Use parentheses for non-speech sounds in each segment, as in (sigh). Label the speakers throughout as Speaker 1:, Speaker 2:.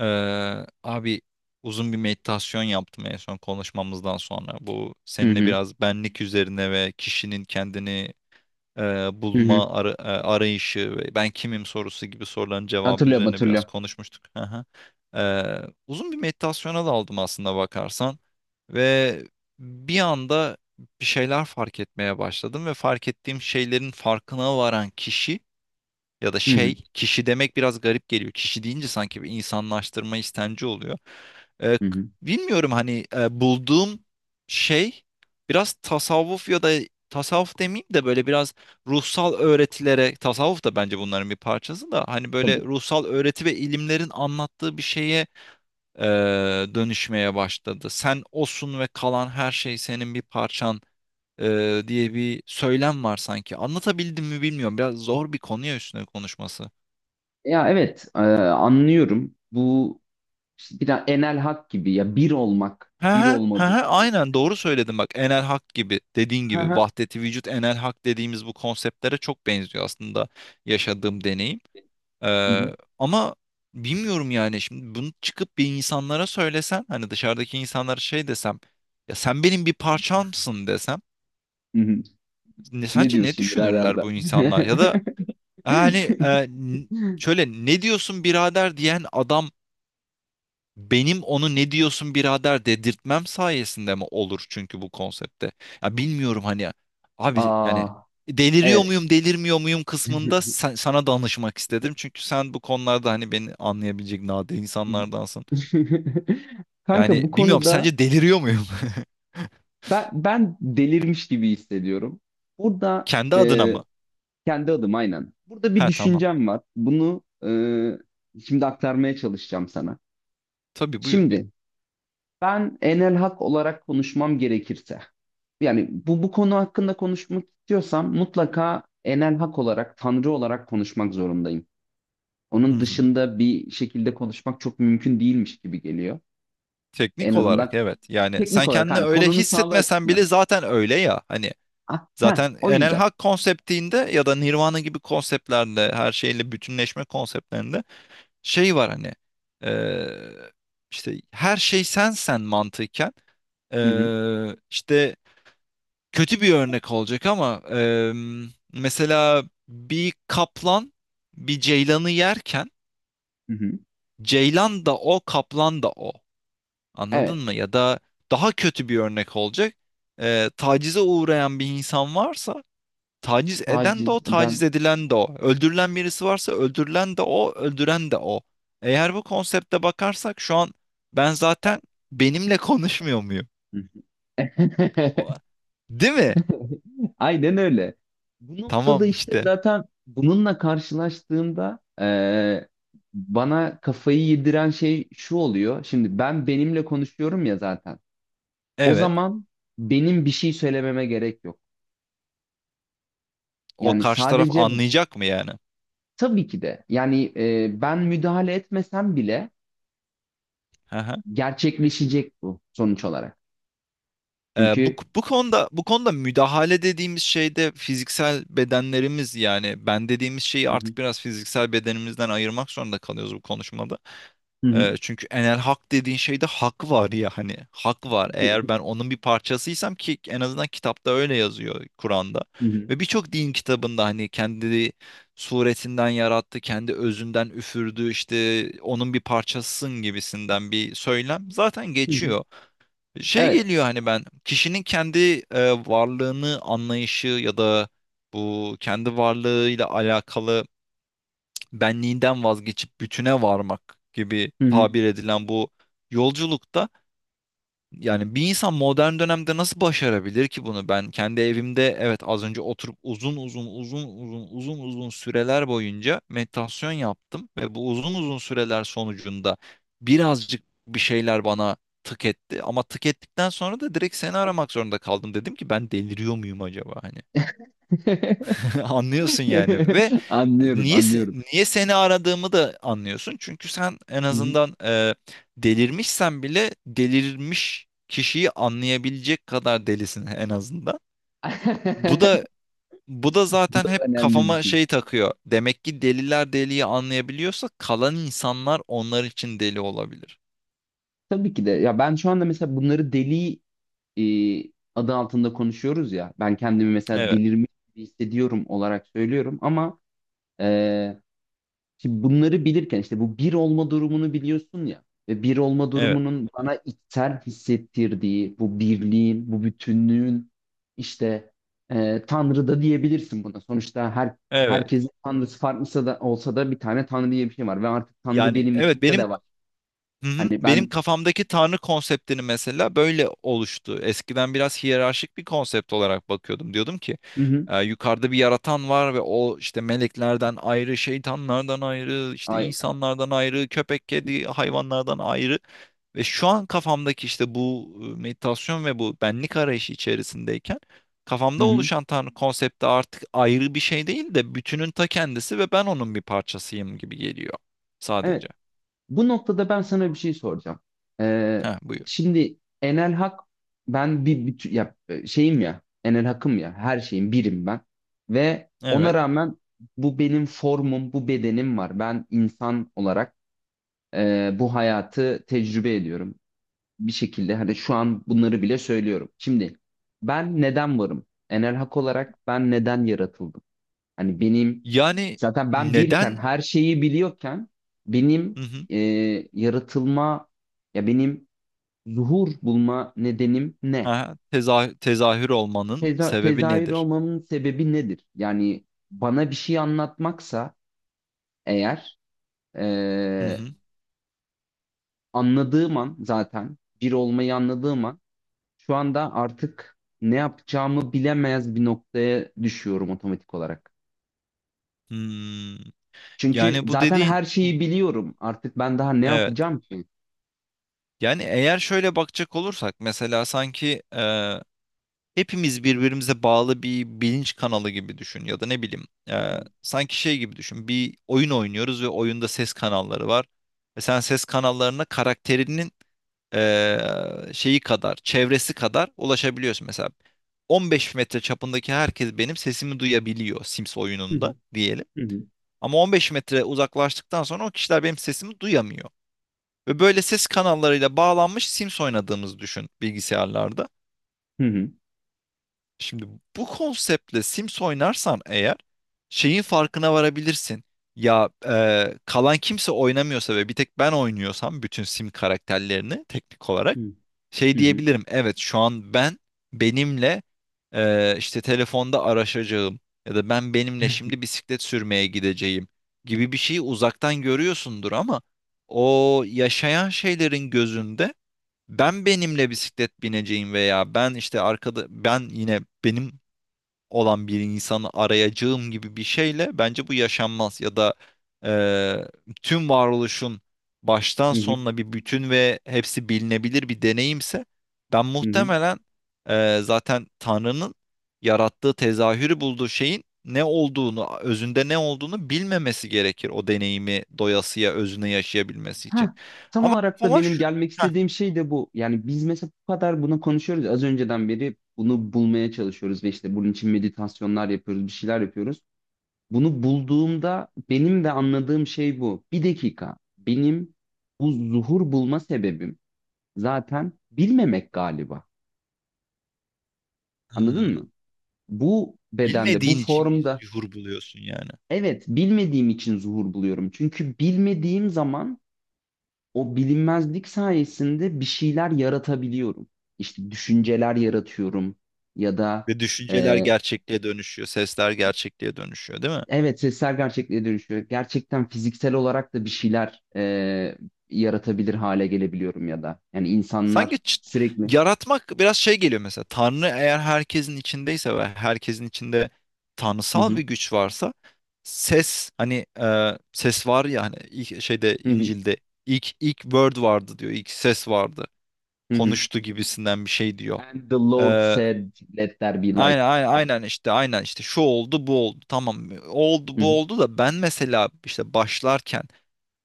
Speaker 1: Abi, uzun bir meditasyon yaptım en son konuşmamızdan sonra. Bu
Speaker 2: Hı
Speaker 1: seninle
Speaker 2: hı.
Speaker 1: biraz benlik üzerine ve kişinin kendini e,
Speaker 2: Hı hı.
Speaker 1: bulma arayışı ve ben kimim sorusu gibi soruların cevabı
Speaker 2: Hatırlıyorum
Speaker 1: üzerine biraz
Speaker 2: hatırlıyorum.
Speaker 1: konuşmuştuk. Hı hı. Uzun bir meditasyona daldım aslında bakarsan ve bir anda bir şeyler fark etmeye başladım ve fark ettiğim şeylerin farkına varan kişi ya da
Speaker 2: Hı
Speaker 1: şey,
Speaker 2: hı.
Speaker 1: kişi demek biraz garip geliyor. Kişi deyince sanki bir insanlaştırma istenci oluyor.
Speaker 2: Hı hı.
Speaker 1: Bilmiyorum hani, bulduğum şey biraz tasavvuf ya da tasavvuf demeyeyim de böyle biraz ruhsal öğretilere, tasavvuf da bence bunların bir parçası, da hani böyle
Speaker 2: Tabii.
Speaker 1: ruhsal öğreti ve ilimlerin anlattığı bir şeye e, dönüşmeye başladı. Sen osun ve kalan her şey senin bir parçan diye bir söylem var sanki. Anlatabildim mi bilmiyorum. Biraz zor bir konu ya üstüne konuşması.
Speaker 2: Ya evet anlıyorum. Bu işte biraz enel hak gibi ya bir olmak,
Speaker 1: He
Speaker 2: bir
Speaker 1: he, he
Speaker 2: olma
Speaker 1: he,
Speaker 2: durumu.
Speaker 1: aynen
Speaker 2: Hani,
Speaker 1: doğru söyledin bak, Enel Hak gibi, dediğin
Speaker 2: Hı
Speaker 1: gibi
Speaker 2: hı.
Speaker 1: vahdeti vücut, Enel Hak dediğimiz bu konseptlere çok benziyor aslında yaşadığım deneyim.
Speaker 2: Hı hı.
Speaker 1: Ama bilmiyorum yani, şimdi bunu çıkıp bir insanlara söylesen, hani dışarıdaki insanlara şey desem, ya sen benim bir parçamsın desem,
Speaker 2: Hı hı. Ne
Speaker 1: sence ne
Speaker 2: diyorsun birader
Speaker 1: düşünürler
Speaker 2: de?
Speaker 1: bu insanlar ya da hani e,
Speaker 2: (laughs)
Speaker 1: n- şöyle ne diyorsun birader diyen adam, benim onu ne diyorsun birader dedirtmem sayesinde mi olur çünkü bu konsepte? Ya bilmiyorum hani, abi yani
Speaker 2: Aa,
Speaker 1: deliriyor
Speaker 2: evet.
Speaker 1: muyum delirmiyor muyum kısmında sana danışmak istedim. Çünkü sen bu konularda hani beni anlayabilecek nadir
Speaker 2: (laughs)
Speaker 1: insanlardansın.
Speaker 2: Kanka
Speaker 1: Yani
Speaker 2: bu
Speaker 1: bilmiyorum,
Speaker 2: konuda
Speaker 1: sence deliriyor muyum? (laughs)
Speaker 2: ben delirmiş gibi hissediyorum. Burada.
Speaker 1: Kendi adına mı?
Speaker 2: Kendi adım aynen. Burada bir
Speaker 1: Ha tamam.
Speaker 2: düşüncem var. Bunu şimdi aktarmaya çalışacağım sana.
Speaker 1: Tabii, buyur.
Speaker 2: Şimdi ben enel hak olarak konuşmam gerekirse yani bu konu hakkında konuşmak istiyorsam mutlaka enel hak olarak tanrı olarak konuşmak zorundayım.
Speaker 1: Hı
Speaker 2: Onun
Speaker 1: hı.
Speaker 2: dışında bir şekilde konuşmak çok mümkün değilmiş gibi geliyor. En
Speaker 1: Teknik olarak
Speaker 2: azından
Speaker 1: evet. Yani
Speaker 2: teknik
Speaker 1: sen
Speaker 2: olarak
Speaker 1: kendini
Speaker 2: hani
Speaker 1: öyle
Speaker 2: konunun sağlığı
Speaker 1: hissetmesen
Speaker 2: açısından.
Speaker 1: bile zaten öyle ya. Hani
Speaker 2: Ah, heh,
Speaker 1: zaten
Speaker 2: o
Speaker 1: Enel
Speaker 2: yüzden.
Speaker 1: Hak konseptinde ya da Nirvana gibi konseptlerle, her şeyle bütünleşme konseptlerinde şey var hani, eee, işte her şey sensen mantıken,
Speaker 2: Hı hı,
Speaker 1: işte kötü bir örnek olacak ama mesela bir kaplan bir ceylanı yerken,
Speaker 2: hı hı.
Speaker 1: ceylan da o, kaplan da o, anladın mı?
Speaker 2: Evet.
Speaker 1: Ya da daha kötü bir örnek olacak, tacize uğrayan bir insan varsa, taciz eden de o,
Speaker 2: Taciz eden.
Speaker 1: taciz edilen de o. Öldürülen birisi varsa, öldürülen de o, öldüren de o. Eğer bu konsepte bakarsak şu an ben zaten benimle konuşmuyor muyum? O- değil mi?
Speaker 2: (laughs) Aynen öyle. Bu noktada
Speaker 1: Tamam
Speaker 2: işte
Speaker 1: işte.
Speaker 2: zaten bununla karşılaştığımda bana kafayı yediren şey şu oluyor. Şimdi ben benimle konuşuyorum ya zaten. O
Speaker 1: Evet.
Speaker 2: zaman benim bir şey söylememe gerek yok.
Speaker 1: O
Speaker 2: Yani
Speaker 1: karşı taraf
Speaker 2: sadece
Speaker 1: anlayacak mı yani?
Speaker 2: tabii ki de yani ben müdahale etmesem bile
Speaker 1: Hı hı.
Speaker 2: gerçekleşecek bu sonuç olarak.
Speaker 1: Ee, bu,
Speaker 2: Çünkü
Speaker 1: bu konuda bu konuda müdahale dediğimiz şey de fiziksel bedenlerimiz, yani ben dediğimiz şeyi
Speaker 2: Hı hı.
Speaker 1: artık biraz fiziksel bedenimizden ayırmak zorunda kalıyoruz bu konuşmada.
Speaker 2: Hı hı.
Speaker 1: Çünkü Enel Hak dediğin şeyde hak var ya, hani hak var. Eğer ben onun bir parçasıysam, ki en azından kitapta öyle yazıyor, Kur'an'da
Speaker 2: Hı hı.
Speaker 1: ve birçok din kitabında, hani kendi suretinden yarattı, kendi özünden üfürdü, işte onun bir parçasısın gibisinden bir söylem zaten
Speaker 2: Hı hı.
Speaker 1: geçiyor. Şey
Speaker 2: Evet.
Speaker 1: geliyor hani, ben kişinin kendi varlığını anlayışı ya da bu kendi varlığıyla alakalı benliğinden vazgeçip bütüne varmak gibi
Speaker 2: Hı hı.
Speaker 1: tabir edilen bu yolculukta, yani bir insan modern dönemde nasıl başarabilir ki bunu? Ben kendi evimde, evet, az önce oturup uzun uzun uzun uzun uzun uzun süreler boyunca meditasyon yaptım ve bu uzun uzun süreler sonucunda birazcık bir şeyler bana tık etti, ama tık ettikten sonra da direkt seni aramak zorunda kaldım. Dedim ki ben deliriyor muyum acaba? Hani (laughs) anlıyorsun yani. Ve
Speaker 2: (laughs) Anlıyorum, anlıyorum.
Speaker 1: niye seni aradığımı da anlıyorsun. Çünkü sen en
Speaker 2: Hı hı.
Speaker 1: azından, delirmişsen bile, delirmiş kişiyi anlayabilecek kadar delisin en azından. Bu da,
Speaker 2: (laughs)
Speaker 1: bu da
Speaker 2: Bu
Speaker 1: zaten
Speaker 2: da
Speaker 1: hep
Speaker 2: önemli bir
Speaker 1: kafama
Speaker 2: şey.
Speaker 1: şey takıyor. Demek ki deliler deliyi anlayabiliyorsa, kalan insanlar onlar için deli olabilir.
Speaker 2: Tabii ki de. Ya ben şu anda mesela bunları deli e, adı altında konuşuyoruz ya. Ben kendimi mesela
Speaker 1: Evet,
Speaker 2: delirmiş gibi hissediyorum olarak söylüyorum ama e, şimdi bunları bilirken işte bu bir olma durumunu biliyorsun ya ve bir olma
Speaker 1: evet,
Speaker 2: durumunun bana içsel hissettirdiği bu birliğin, bu bütünlüğün işte Tanrı da diyebilirsin buna. Sonuçta her
Speaker 1: evet.
Speaker 2: herkesin tanrısı farklısa da olsa da bir tane tanrı diye bir şey var ve artık tanrı
Speaker 1: Yani
Speaker 2: benim
Speaker 1: evet,
Speaker 2: içimde
Speaker 1: benim,
Speaker 2: de var.
Speaker 1: hı hı,
Speaker 2: Hani
Speaker 1: benim
Speaker 2: ben
Speaker 1: kafamdaki tanrı konseptini mesela böyle oluştu. Eskiden biraz hiyerarşik bir konsept olarak bakıyordum. Diyordum ki
Speaker 2: hı hı,
Speaker 1: yukarıda bir yaratan var ve o işte meleklerden ayrı, şeytanlardan ayrı, işte
Speaker 2: ay-
Speaker 1: insanlardan ayrı, köpek, kedi, hayvanlardan ayrı. Ve şu an kafamdaki işte bu meditasyon ve bu benlik arayışı içerisindeyken
Speaker 2: Hı
Speaker 1: kafamda
Speaker 2: hı.
Speaker 1: oluşan tanrı konsepti artık ayrı bir şey değil de bütünün ta kendisi ve ben onun bir parçasıyım gibi geliyor sadece.
Speaker 2: Evet, bu noktada ben sana bir şey soracağım. Ee,
Speaker 1: Ha, buyur.
Speaker 2: şimdi Enel Hak ben bir, bütün ya şeyim ya Enel Hak'ım ya her şeyim birim ben ve ona
Speaker 1: Evet.
Speaker 2: rağmen bu benim formum bu bedenim var. Ben insan olarak bu hayatı tecrübe ediyorum bir şekilde hani şu an bunları bile söylüyorum. Şimdi ben neden varım? Enel Hak olarak ben neden yaratıldım? Hani benim
Speaker 1: Yani
Speaker 2: zaten ben birken
Speaker 1: neden,
Speaker 2: her şeyi biliyorken
Speaker 1: hı
Speaker 2: benim
Speaker 1: hı.
Speaker 2: e, yaratılma ya benim zuhur bulma nedenim ne?
Speaker 1: Aha, tezahür olmanın sebebi
Speaker 2: Tezahür
Speaker 1: nedir?
Speaker 2: olmamın sebebi nedir? Yani bana bir şey anlatmaksa eğer
Speaker 1: Hı
Speaker 2: e,
Speaker 1: hı.
Speaker 2: anladığım an zaten bir olmayı anladığım an şu anda artık ne yapacağımı bilemez bir noktaya düşüyorum otomatik olarak.
Speaker 1: Hmm.
Speaker 2: Çünkü
Speaker 1: Yani bu
Speaker 2: zaten
Speaker 1: dediğin,
Speaker 2: her şeyi biliyorum. Artık ben daha ne
Speaker 1: evet.
Speaker 2: yapacağım ki?
Speaker 1: Yani eğer şöyle bakacak olursak, mesela sanki hepimiz birbirimize bağlı bir bilinç kanalı gibi düşün, ya da ne bileyim, sanki şey gibi düşün, bir oyun oynuyoruz ve oyunda ses kanalları var ve sen ses kanallarına karakterinin şeyi kadar, çevresi kadar ulaşabiliyorsun. Mesela 15 metre çapındaki herkes benim sesimi duyabiliyor Sims
Speaker 2: Hı
Speaker 1: oyununda
Speaker 2: hı.
Speaker 1: diyelim,
Speaker 2: Hı hı.
Speaker 1: ama 15 metre uzaklaştıktan sonra o kişiler benim sesimi duyamıyor ve böyle ses kanallarıyla bağlanmış Sims oynadığımızı düşün bilgisayarlarda.
Speaker 2: Hı hı.
Speaker 1: Şimdi bu konseptle Sims oynarsan eğer, şeyin farkına varabilirsin. Ya kalan kimse oynamıyorsa ve bir tek ben oynuyorsam, bütün Sim karakterlerini teknik olarak şey
Speaker 2: Hı hı.
Speaker 1: diyebilirim. Evet, şu an ben benimle işte telefonda araşacağım ya da ben benimle şimdi bisiklet sürmeye gideceğim gibi bir şeyi uzaktan görüyorsundur, ama o yaşayan şeylerin gözünde ben benimle bisiklet bineceğim veya ben işte arkada ben yine benim olan bir insanı arayacağım gibi bir şeyle, bence bu yaşanmaz. Ya da tüm varoluşun baştan
Speaker 2: Hı hı.
Speaker 1: sonuna bir bütün ve hepsi bilinebilir bir deneyimse, ben
Speaker 2: Hı hı.
Speaker 1: muhtemelen, zaten Tanrı'nın yarattığı, tezahürü bulduğu şeyin ne olduğunu, özünde ne olduğunu bilmemesi gerekir o deneyimi doyasıya özüne yaşayabilmesi için.
Speaker 2: Ha, tam
Speaker 1: Ama
Speaker 2: olarak da
Speaker 1: ama
Speaker 2: benim
Speaker 1: şu,
Speaker 2: gelmek
Speaker 1: heh.
Speaker 2: istediğim şey de bu. Yani biz mesela bu kadar bunu konuşuyoruz. Az önceden beri bunu bulmaya çalışıyoruz ve işte bunun için meditasyonlar yapıyoruz, bir şeyler yapıyoruz. Bunu bulduğumda benim de anladığım şey bu. Bir dakika. Benim bu zuhur bulma sebebim zaten bilmemek galiba. Anladın
Speaker 1: Hmm,
Speaker 2: mı? Bu bedende, bu
Speaker 1: bilmediğin için biz
Speaker 2: formda
Speaker 1: yuhur buluyorsun yani.
Speaker 2: evet bilmediğim için zuhur buluyorum. Çünkü bilmediğim zaman o bilinmezlik sayesinde bir şeyler yaratabiliyorum. İşte düşünceler yaratıyorum ya da
Speaker 1: Ve düşünceler
Speaker 2: e,
Speaker 1: gerçekliğe dönüşüyor, sesler gerçekliğe dönüşüyor, değil mi?
Speaker 2: evet sesler gerçekliğe dönüşüyor. Gerçekten fiziksel olarak da bir şeyler yaratabilir hale gelebiliyorum ya da. Yani
Speaker 1: Sanki
Speaker 2: insanlar sürekli
Speaker 1: yaratmak biraz şey geliyor mesela. Tanrı eğer herkesin içindeyse ve herkesin içinde
Speaker 2: hı
Speaker 1: tanrısal
Speaker 2: hı,
Speaker 1: bir güç varsa, ses, hani ses var ya, hani ilk şeyde,
Speaker 2: hı hı,
Speaker 1: İncil'de ilk word vardı diyor. İlk ses vardı.
Speaker 2: hı hı.
Speaker 1: Konuştu gibisinden bir şey diyor.
Speaker 2: And the
Speaker 1: E,
Speaker 2: Lord said, let there be light.
Speaker 1: aynen, aynen, aynen, işte aynen, işte şu oldu, bu oldu, tamam, oldu
Speaker 2: Hı hı,
Speaker 1: bu oldu da ben mesela işte başlarken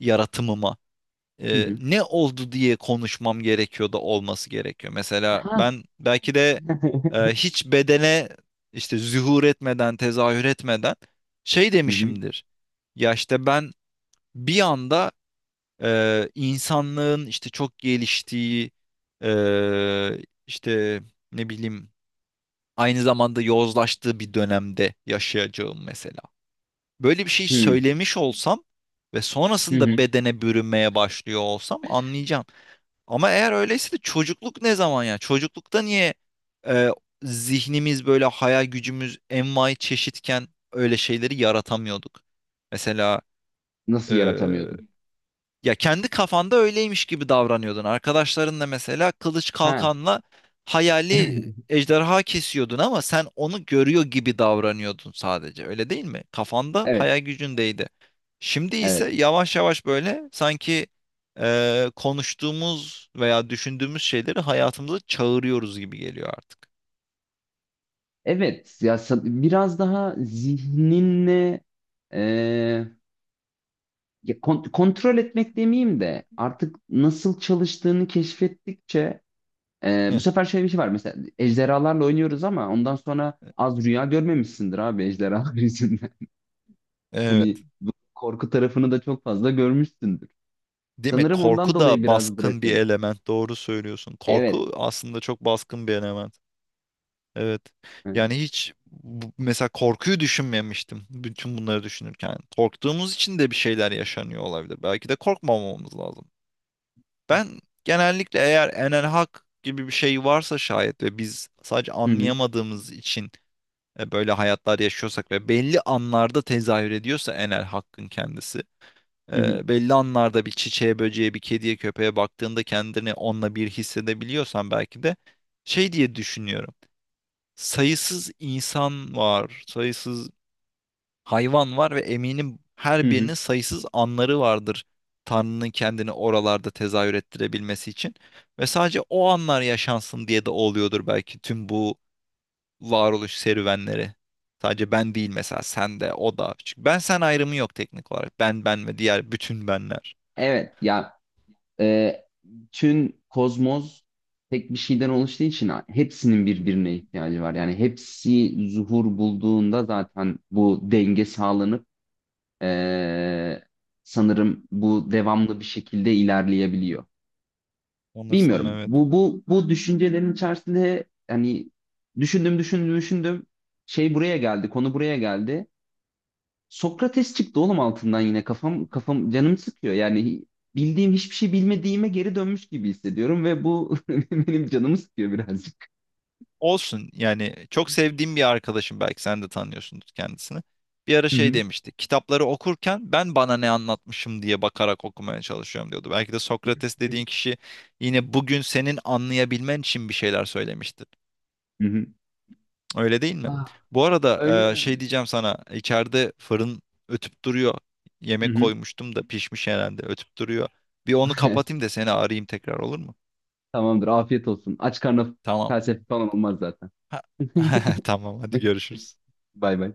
Speaker 1: yaratımıma
Speaker 2: hı hı.
Speaker 1: ne oldu diye konuşmam gerekiyor da olması gerekiyor. Mesela
Speaker 2: Aha.
Speaker 1: ben belki de
Speaker 2: (laughs)
Speaker 1: hiç bedene, işte zuhur etmeden, tezahür etmeden şey
Speaker 2: Hı hı,
Speaker 1: demişimdir. Ya işte ben bir anda insanlığın işte çok geliştiği, e, işte ne bileyim, aynı zamanda yozlaştığı bir dönemde yaşayacağım mesela. Böyle bir şey
Speaker 2: hı hı,
Speaker 1: söylemiş olsam ve
Speaker 2: hı hı.
Speaker 1: sonrasında bedene bürünmeye başlıyor olsam, anlayacağım. Ama eğer öyleyse de çocukluk ne zaman ya? Çocuklukta niye, e, zihnimiz böyle, hayal gücümüz envai çeşitken öyle şeyleri yaratamıyorduk? Mesela
Speaker 2: Nasıl
Speaker 1: e,
Speaker 2: yaratamıyordun?
Speaker 1: ya kendi kafanda öyleymiş gibi davranıyordun. Arkadaşlarınla mesela kılıç
Speaker 2: Ha,
Speaker 1: kalkanla hayali
Speaker 2: (laughs)
Speaker 1: ejderha kesiyordun, ama sen onu görüyor gibi davranıyordun sadece. Öyle değil mi? Kafanda,
Speaker 2: evet,
Speaker 1: hayal gücündeydi. Şimdi
Speaker 2: evet.
Speaker 1: ise yavaş yavaş böyle sanki konuştuğumuz veya düşündüğümüz şeyleri hayatımıza çağırıyoruz gibi geliyor artık.
Speaker 2: Evet ya biraz daha zihninle e, ya kontrol etmek demeyeyim de artık nasıl çalıştığını keşfettikçe bu
Speaker 1: Heh,
Speaker 2: sefer şöyle bir şey var mesela ejderhalarla oynuyoruz ama ondan sonra az rüya görmemişsindir abi ejderhalar (laughs) yüzünden. Hani
Speaker 1: evet.
Speaker 2: bu korku tarafını da çok fazla görmüşsündür.
Speaker 1: Değil mi?
Speaker 2: Sanırım ondan
Speaker 1: Korku
Speaker 2: dolayı
Speaker 1: da
Speaker 2: biraz
Speaker 1: baskın bir
Speaker 2: bırakıyoruz.
Speaker 1: element. Doğru söylüyorsun.
Speaker 2: Evet.
Speaker 1: Korku aslında çok baskın bir element. Evet.
Speaker 2: Hı
Speaker 1: Yani hiç mesela korkuyu düşünmemiştim bütün bunları düşünürken. Korktuğumuz için de bir şeyler yaşanıyor olabilir. Belki de korkmamamız lazım. Ben genellikle, eğer Enel Hak gibi bir şey varsa şayet ve biz sadece
Speaker 2: hı
Speaker 1: anlayamadığımız için böyle hayatlar yaşıyorsak ve belli anlarda tezahür ediyorsa Enel Hakkın kendisi,
Speaker 2: hı hı.
Speaker 1: belli anlarda bir çiçeğe, böceğe, bir kediye, köpeğe baktığında kendini onunla bir hissedebiliyorsan, belki de şey diye düşünüyorum: sayısız insan var, sayısız hayvan var ve eminim
Speaker 2: hı
Speaker 1: her
Speaker 2: hı.
Speaker 1: birinin sayısız anları vardır Tanrı'nın kendini oralarda tezahür ettirebilmesi için. Ve sadece o anlar yaşansın diye de oluyordur belki tüm bu varoluş serüvenleri. Sadece ben değil, mesela sen de, o da. Çünkü ben sen ayrımı yok teknik olarak. Ben, ben ve diğer bütün benler.
Speaker 2: Evet ya e, tüm kozmos tek bir şeyden oluştuğu için hepsinin birbirine ihtiyacı var. Yani hepsi zuhur bulduğunda zaten bu denge sağlanıp e, sanırım bu devamlı bir şekilde ilerleyebiliyor.
Speaker 1: Sanırsam
Speaker 2: Bilmiyorum.
Speaker 1: evet.
Speaker 2: Bu düşüncelerin içerisinde hani düşündüm düşündüm düşündüm şey buraya geldi, konu buraya geldi. Sokrates çıktı oğlum altından yine kafam canım sıkıyor. Yani bildiğim hiçbir şey bilmediğime geri dönmüş gibi hissediyorum ve bu (laughs) benim canımı sıkıyor birazcık.
Speaker 1: Olsun yani, çok sevdiğim bir arkadaşım, belki sen de tanıyorsundur kendisini. Bir ara
Speaker 2: Hı
Speaker 1: şey
Speaker 2: hı.
Speaker 1: demişti: kitapları okurken ben bana ne anlatmışım diye bakarak okumaya çalışıyorum diyordu. Belki de Sokrates dediğin kişi yine bugün senin anlayabilmen için bir şeyler söylemiştir.
Speaker 2: Hı hı.
Speaker 1: Öyle değil mi?
Speaker 2: Ah,
Speaker 1: Bu arada
Speaker 2: öyle.
Speaker 1: şey diyeceğim sana, içeride fırın ötüp duruyor.
Speaker 2: Hı
Speaker 1: Yemek
Speaker 2: hı.
Speaker 1: koymuştum da pişmiş herhalde, ötüp duruyor. Bir onu
Speaker 2: (laughs)
Speaker 1: kapatayım da seni arayayım tekrar, olur mu?
Speaker 2: Tamamdır, afiyet olsun. Aç karnına
Speaker 1: Tamam.
Speaker 2: felsefe falan olmaz zaten. (laughs)
Speaker 1: (laughs) Tamam, hadi görüşürüz.
Speaker 2: Bay bay.